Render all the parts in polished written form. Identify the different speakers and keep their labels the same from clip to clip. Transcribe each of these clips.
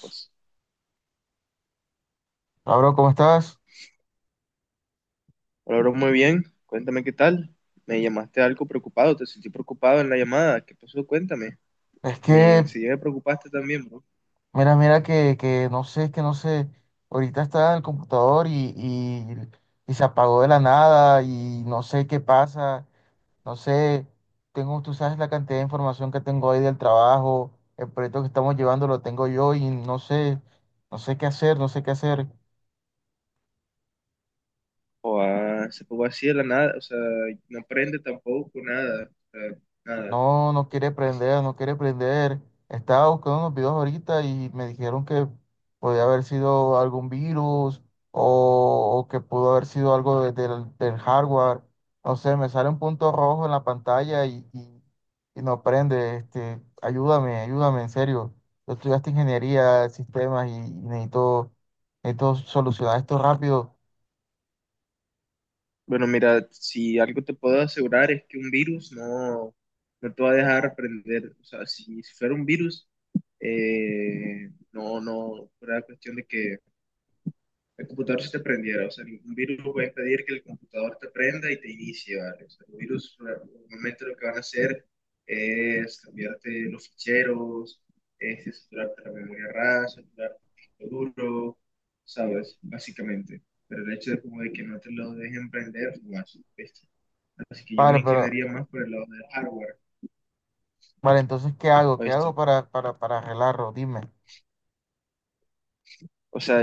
Speaker 1: Pues,
Speaker 2: Hola, bro, ¿cómo estás?
Speaker 1: hola, bro, muy bien. Cuéntame qué tal. Me llamaste algo preocupado, te sentí preocupado en la llamada. ¿Qué pasó? Cuéntame.
Speaker 2: Es
Speaker 1: Me
Speaker 2: que,
Speaker 1: Enseguida me preocupaste también, bro.
Speaker 2: mira, mira que no sé, es que no sé. Ahorita está en el computador y se apagó de la nada y no sé qué pasa. No sé, tengo, tú sabes la cantidad de información que tengo ahí del trabajo, el proyecto que estamos llevando lo tengo yo y no sé, no sé qué hacer, no sé qué hacer.
Speaker 1: O, ah, se pongo así de la nada, o sea, no aprende tampoco nada, o sea, nada.
Speaker 2: No, no quiere prender, no quiere prender. Estaba buscando unos videos ahorita y me dijeron que podía haber sido algún virus o que pudo haber sido algo del hardware. No sé, me sale un punto rojo en la pantalla y no prende. Ayúdame, ayúdame, en serio. Yo estudiaste ingeniería de sistemas y necesito, necesito solucionar esto rápido.
Speaker 1: Bueno, mira, si algo te puedo asegurar es que un virus no, no te va a dejar aprender. O sea, si fuera un virus, no fuera cuestión de que el computador se te prendiera. O sea, un virus va a impedir que el computador te prenda y te inicie, ¿vale? O sea, los virus normalmente lo que van a hacer es cambiarte los ficheros, es saturarte la memoria RAM, saturarte el disco duro, ¿sabes? Básicamente. Pero el hecho de como de que no te lo dejen prender, no más, ¿viste? Así que yo
Speaker 2: Vale,
Speaker 1: me
Speaker 2: pero,
Speaker 1: inclinaría más por el lado del hardware,
Speaker 2: vale, entonces, ¿qué hago? ¿Qué hago
Speaker 1: ¿viste?
Speaker 2: para, para arreglarlo? Dime.
Speaker 1: O sea,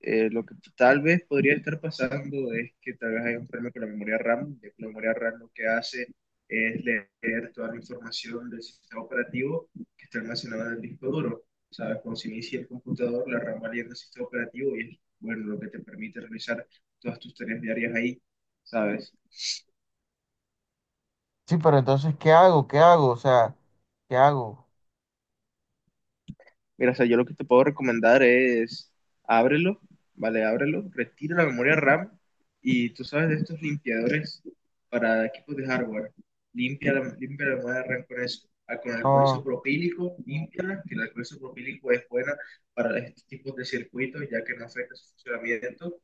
Speaker 1: lo que tal vez podría estar pasando es que tal vez hay un problema con la memoria RAM, ya que la memoria RAM lo que hace es leer toda la información del sistema operativo que está almacenada en el disco duro. ¿Sabes? Cuando se inicia el computador, la RAM va leyendo el sistema operativo y es, bueno, lo que te permite realizar todas tus tareas diarias ahí, ¿sabes?
Speaker 2: Sí, pero entonces, ¿qué hago? ¿Qué hago? O sea, ¿qué hago?
Speaker 1: Mira, o sea, yo lo que te puedo recomendar es ábrelo, ¿vale? Ábrelo, retira la memoria RAM y tú sabes de estos limpiadores para equipos de hardware. Limpia la memoria RAM con eso. Ah, con alcohol
Speaker 2: No,
Speaker 1: isopropílico, límpiala, que el alcohol isopropílico es buena para estos tipos de circuitos ya que no afecta su funcionamiento.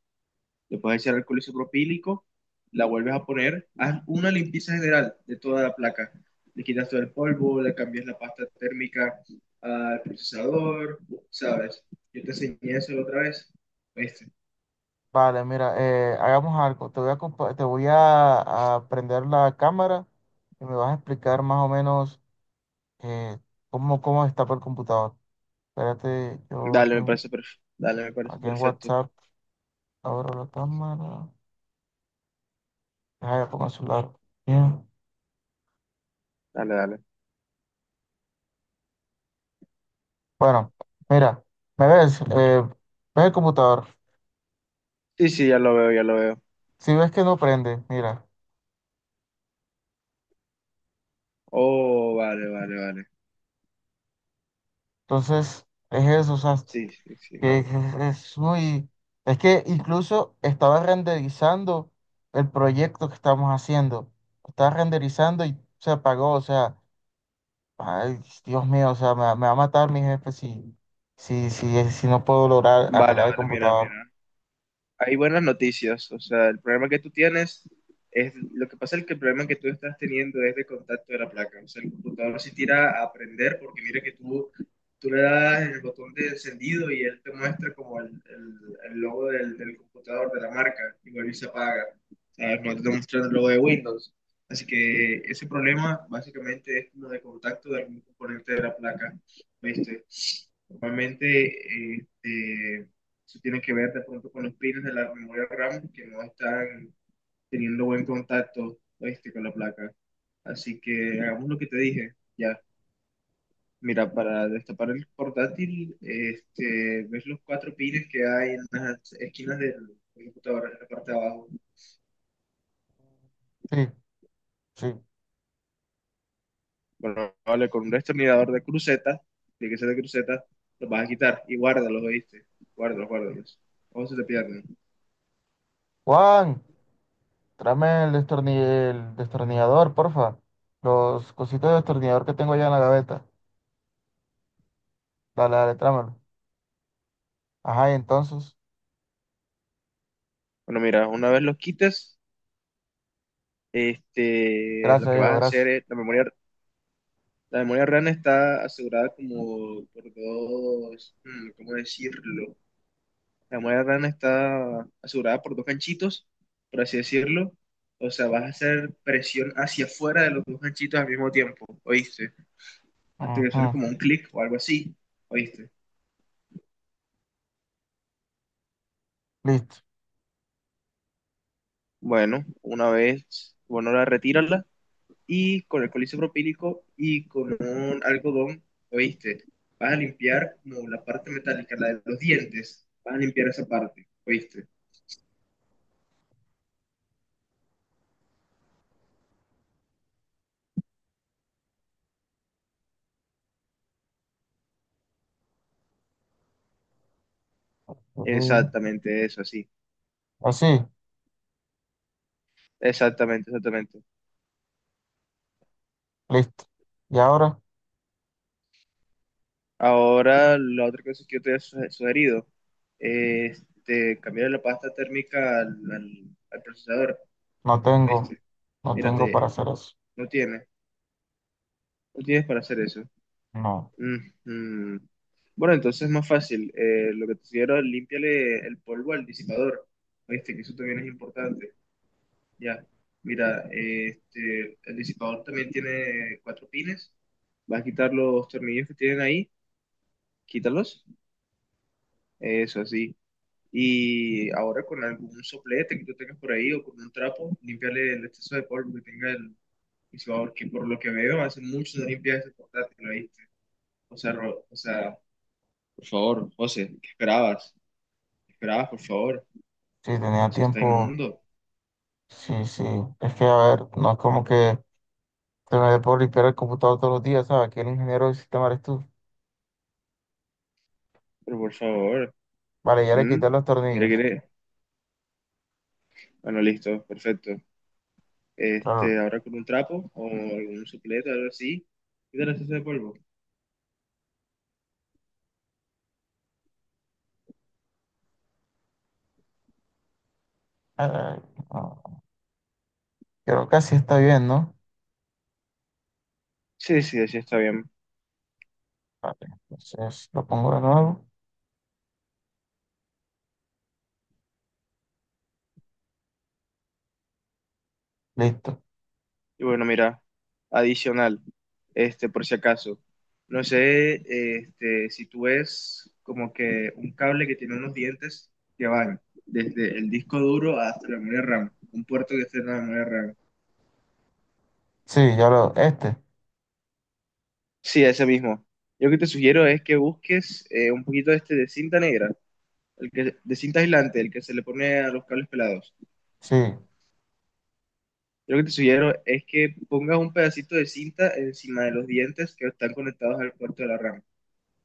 Speaker 1: Le puedes echar alcohol isopropílico, la vuelves a poner, haz una limpieza general de toda la placa. Le quitas todo el polvo, le cambias la pasta térmica al procesador, ¿sabes? Yo te enseñé eso la otra vez. ¿Viste?
Speaker 2: vale, mira, hagamos algo. Te voy a, te voy a prender la cámara y me vas a explicar más o menos eh, cómo, cómo destapa el computador. Espérate, yo
Speaker 1: Dale,
Speaker 2: aquí,
Speaker 1: me
Speaker 2: en
Speaker 1: parece perfecto. Dale, me parece
Speaker 2: aquí en
Speaker 1: perfecto.
Speaker 2: WhatsApp abro la cámara. Deja, ya pongo el celular. Bien.
Speaker 1: Dale, dale.
Speaker 2: Bueno, mira, ¿me ves? ¿Ves el computador?
Speaker 1: Sí, sí, ya lo veo, ya lo veo.
Speaker 2: Si ves que no prende, mira.
Speaker 1: Oh, vale, vale, vale.
Speaker 2: Entonces, es eso, o sea,
Speaker 1: Sí, sí, sí,
Speaker 2: que
Speaker 1: no.
Speaker 2: es muy... Es que incluso estaba renderizando el proyecto que estamos haciendo. Estaba renderizando y se apagó. O sea, ay, Dios mío, o sea, me va a matar mi jefe si, si no puedo lograr
Speaker 1: Vale,
Speaker 2: arreglar el
Speaker 1: vale, mira,
Speaker 2: computador.
Speaker 1: mira. Hay buenas noticias, o sea, el problema que tú tienes lo que pasa es que el problema que tú estás teniendo es de contacto de la placa. O sea, el computador se tira a prender porque mira que tú le das el botón de encendido y él te muestra como el logo del computador de la marca y vuelve y se apaga, ¿sabes? No te está mostrando el logo de Windows. Así que ese problema básicamente es como de contacto de algún componente de la placa, ¿viste? Normalmente, este, eso tiene que ver de pronto con los pines de la memoria RAM que no están teniendo buen contacto, este, con la placa. Así que hagamos lo que te dije. Ya, mira, para destapar el portátil, este, ves los cuatro pines que hay en las esquinas del computador, en la parte de abajo.
Speaker 2: Sí, sí.
Speaker 1: Bueno, vale, con un destornillador de cruceta, de que sea de cruceta, los vas a quitar y guárdalos, ¿oíste? Guárdalos, guárdalos. Ojo, se te pierden.
Speaker 2: Juan, tráeme el, el destornillador, porfa. Los cositos de destornillador que tengo allá en la gaveta. Dale, dale, tráemelo. Ajá, y entonces.
Speaker 1: Bueno, mira, una vez los quites, este, lo
Speaker 2: Gracias,
Speaker 1: que vas
Speaker 2: hijo,
Speaker 1: a hacer
Speaker 2: gracias.
Speaker 1: es la memoria. La memoria RAM está asegurada como por dos, ¿cómo decirlo? La memoria RAM está asegurada por dos ganchitos, por así decirlo. O sea, vas a hacer presión hacia afuera de los dos ganchitos al mismo tiempo, ¿oíste? Hasta que suene
Speaker 2: Ujú.
Speaker 1: como un clic o algo así, ¿oíste?
Speaker 2: Listo.
Speaker 1: Bueno, una vez, bueno, la retírala y con alcohol isopropílico y con un algodón, ¿oíste? Vas a limpiar como la parte metálica, la de los dientes, vas a limpiar esa parte, ¿oíste?
Speaker 2: Sí.
Speaker 1: Exactamente eso, sí.
Speaker 2: Así,
Speaker 1: Exactamente, exactamente.
Speaker 2: listo. Y ahora
Speaker 1: Ahora, la otra cosa que yo te he sugerido es de cambiar la pasta térmica al procesador.
Speaker 2: no tengo,
Speaker 1: Este,
Speaker 2: no tengo para
Speaker 1: mírate,
Speaker 2: hacer eso.
Speaker 1: no tiene, no tienes para hacer eso.
Speaker 2: No,
Speaker 1: Mm, mm. Bueno, entonces es más fácil. Lo que te sugiero, límpiale el polvo al disipador. Este, que eso también es importante. Ya, mira, este, el disipador también tiene cuatro pines. Vas a quitar los tornillos que tienen ahí. Quítalos, eso así. Y ahora con algún soplete que tú tengas por ahí o con un trapo, limpiarle el exceso de polvo que tenga el visuador, que por lo que veo hace mucho no limpias ese portátil, ¿oíste? O sea, o sea, por favor, José, ¿qué esperabas? ¿Qué esperabas, por favor?
Speaker 2: si tenía
Speaker 1: Eso está
Speaker 2: tiempo,
Speaker 1: inmundo,
Speaker 2: sí, sí. Es que, a ver, no es como que te me dé por limpiar el computador todos los días, ¿sabes? Aquí el ingeniero del sistema eres tú.
Speaker 1: pero por favor.
Speaker 2: Vale, ya le
Speaker 1: ¿Mm?
Speaker 2: quité los
Speaker 1: Mira,
Speaker 2: tornillos.
Speaker 1: mira. Bueno, listo, perfecto.
Speaker 2: Pero,
Speaker 1: Este, ahora con un trapo o algún soplete algo así, quítale el exceso de polvo.
Speaker 2: eh, no, creo que así está bien, ¿no?
Speaker 1: Sí, sí, así está bien.
Speaker 2: Vale, entonces lo pongo de nuevo. Listo.
Speaker 1: Y bueno, mira, adicional, este, por si acaso, no sé, este, si tú ves como que un cable que tiene unos dientes que van desde el disco duro hasta la memoria RAM, un puerto que esté en la memoria RAM.
Speaker 2: Sí,
Speaker 1: Sí, ese mismo. Yo lo que te sugiero es que busques, un poquito, este, de cinta negra, el que, de cinta aislante, el que se le pone a los cables pelados.
Speaker 2: sí,
Speaker 1: Yo lo que te sugiero es que pongas un pedacito de cinta encima de los dientes que están conectados al puerto de la RAM.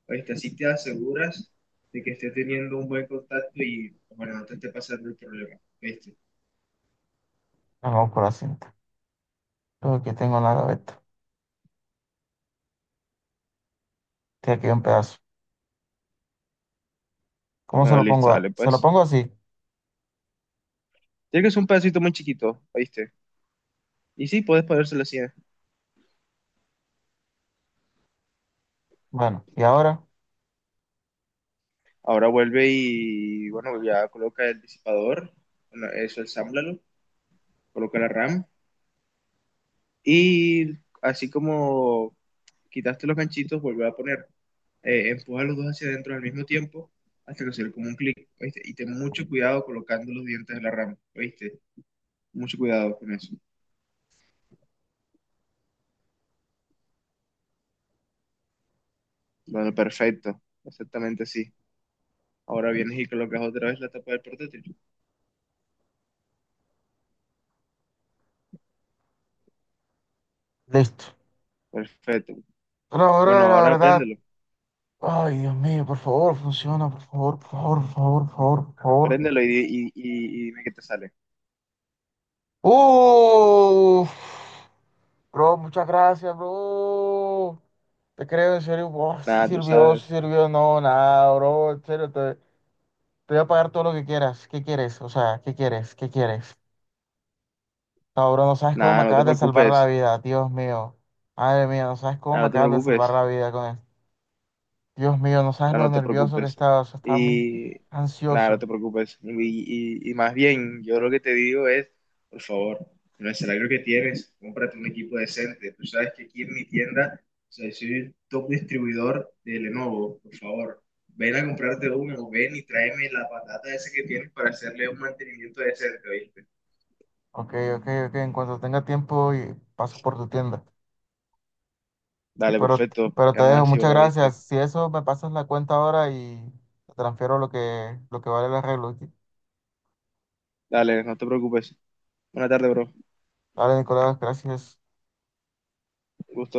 Speaker 1: Este, así te aseguras de que esté teniendo un buen contacto y, bueno, no te esté pasando el problema, ¿viste?
Speaker 2: vamos por la cinta. Pero aquí tengo una gaveta. Tiene aquí un pedazo. ¿Cómo se
Speaker 1: Bueno,
Speaker 2: lo
Speaker 1: listo,
Speaker 2: pongo?
Speaker 1: dale,
Speaker 2: Se lo
Speaker 1: pues.
Speaker 2: pongo así.
Speaker 1: Tiene que ser un pedacito muy chiquito, ¿oíste? Y sí, puedes ponérselo así, ¿eh?
Speaker 2: Bueno, y ahora.
Speaker 1: Ahora vuelve y, bueno, ya coloca el disipador, bueno, eso, ensámblalo, coloca la RAM y, así como quitaste los ganchitos, vuelve a poner, empuja los dos hacia adentro al mismo tiempo hasta que se le como un clic, ¿oíste? Y ten mucho cuidado colocando los dientes de la RAM, ¿oíste? Mucho cuidado con eso. Bueno, perfecto. Exactamente sí. Ahora vienes y colocas otra vez la tapa del portátil.
Speaker 2: Listo.
Speaker 1: Perfecto.
Speaker 2: Pero
Speaker 1: Bueno,
Speaker 2: ahora la
Speaker 1: ahora
Speaker 2: verdad.
Speaker 1: préndelo.
Speaker 2: Ay, Dios mío, por favor, funciona, por favor, por favor, por favor, por favor, por favor.
Speaker 1: Préndelo y y dime qué te sale.
Speaker 2: Uf, bro, muchas gracias, bro. Te creo, en serio, wow, si
Speaker 1: Nada, tú
Speaker 2: sirvió,
Speaker 1: sabes.
Speaker 2: si sirvió, no, nada, bro, en serio, te voy a pagar todo lo que quieras. ¿Qué quieres? O sea, ¿qué quieres? ¿Qué quieres? No, bro, no sabes cómo me
Speaker 1: Nada, no te
Speaker 2: acabas de salvar la
Speaker 1: preocupes.
Speaker 2: vida, Dios mío. Madre mía, no sabes cómo
Speaker 1: Nada,
Speaker 2: me
Speaker 1: no te
Speaker 2: acabas de
Speaker 1: preocupes.
Speaker 2: salvar la vida con esto. Dios mío, no sabes
Speaker 1: No,
Speaker 2: lo
Speaker 1: no te
Speaker 2: nervioso que
Speaker 1: preocupes.
Speaker 2: estaba, o sea, estaba muy
Speaker 1: Y nada, no
Speaker 2: ansioso.
Speaker 1: te preocupes. Y más bien, yo lo que te digo es, por favor, con el salario que tienes, cómprate un equipo decente. Tú sabes que aquí en mi tienda, o sea, soy top distribuidor de Lenovo, por favor. Ven a comprarte uno, o ven y tráeme la patata esa que tienes para hacerle un mantenimiento decente, ¿oíste?
Speaker 2: Ok, ok, ok. En cuanto tenga tiempo y paso por tu tienda.
Speaker 1: Dale,
Speaker 2: Pero,
Speaker 1: perfecto.
Speaker 2: pero te
Speaker 1: Quedamos
Speaker 2: dejo,
Speaker 1: así,
Speaker 2: muchas
Speaker 1: bro, viste.
Speaker 2: gracias. Si eso, me pasas la cuenta ahora y te transfiero lo que vale el arreglo. ¿Ok?
Speaker 1: Dale, no te preocupes. Buena tarde, bro. Un
Speaker 2: Dale, Nicolás, gracias.
Speaker 1: gusto.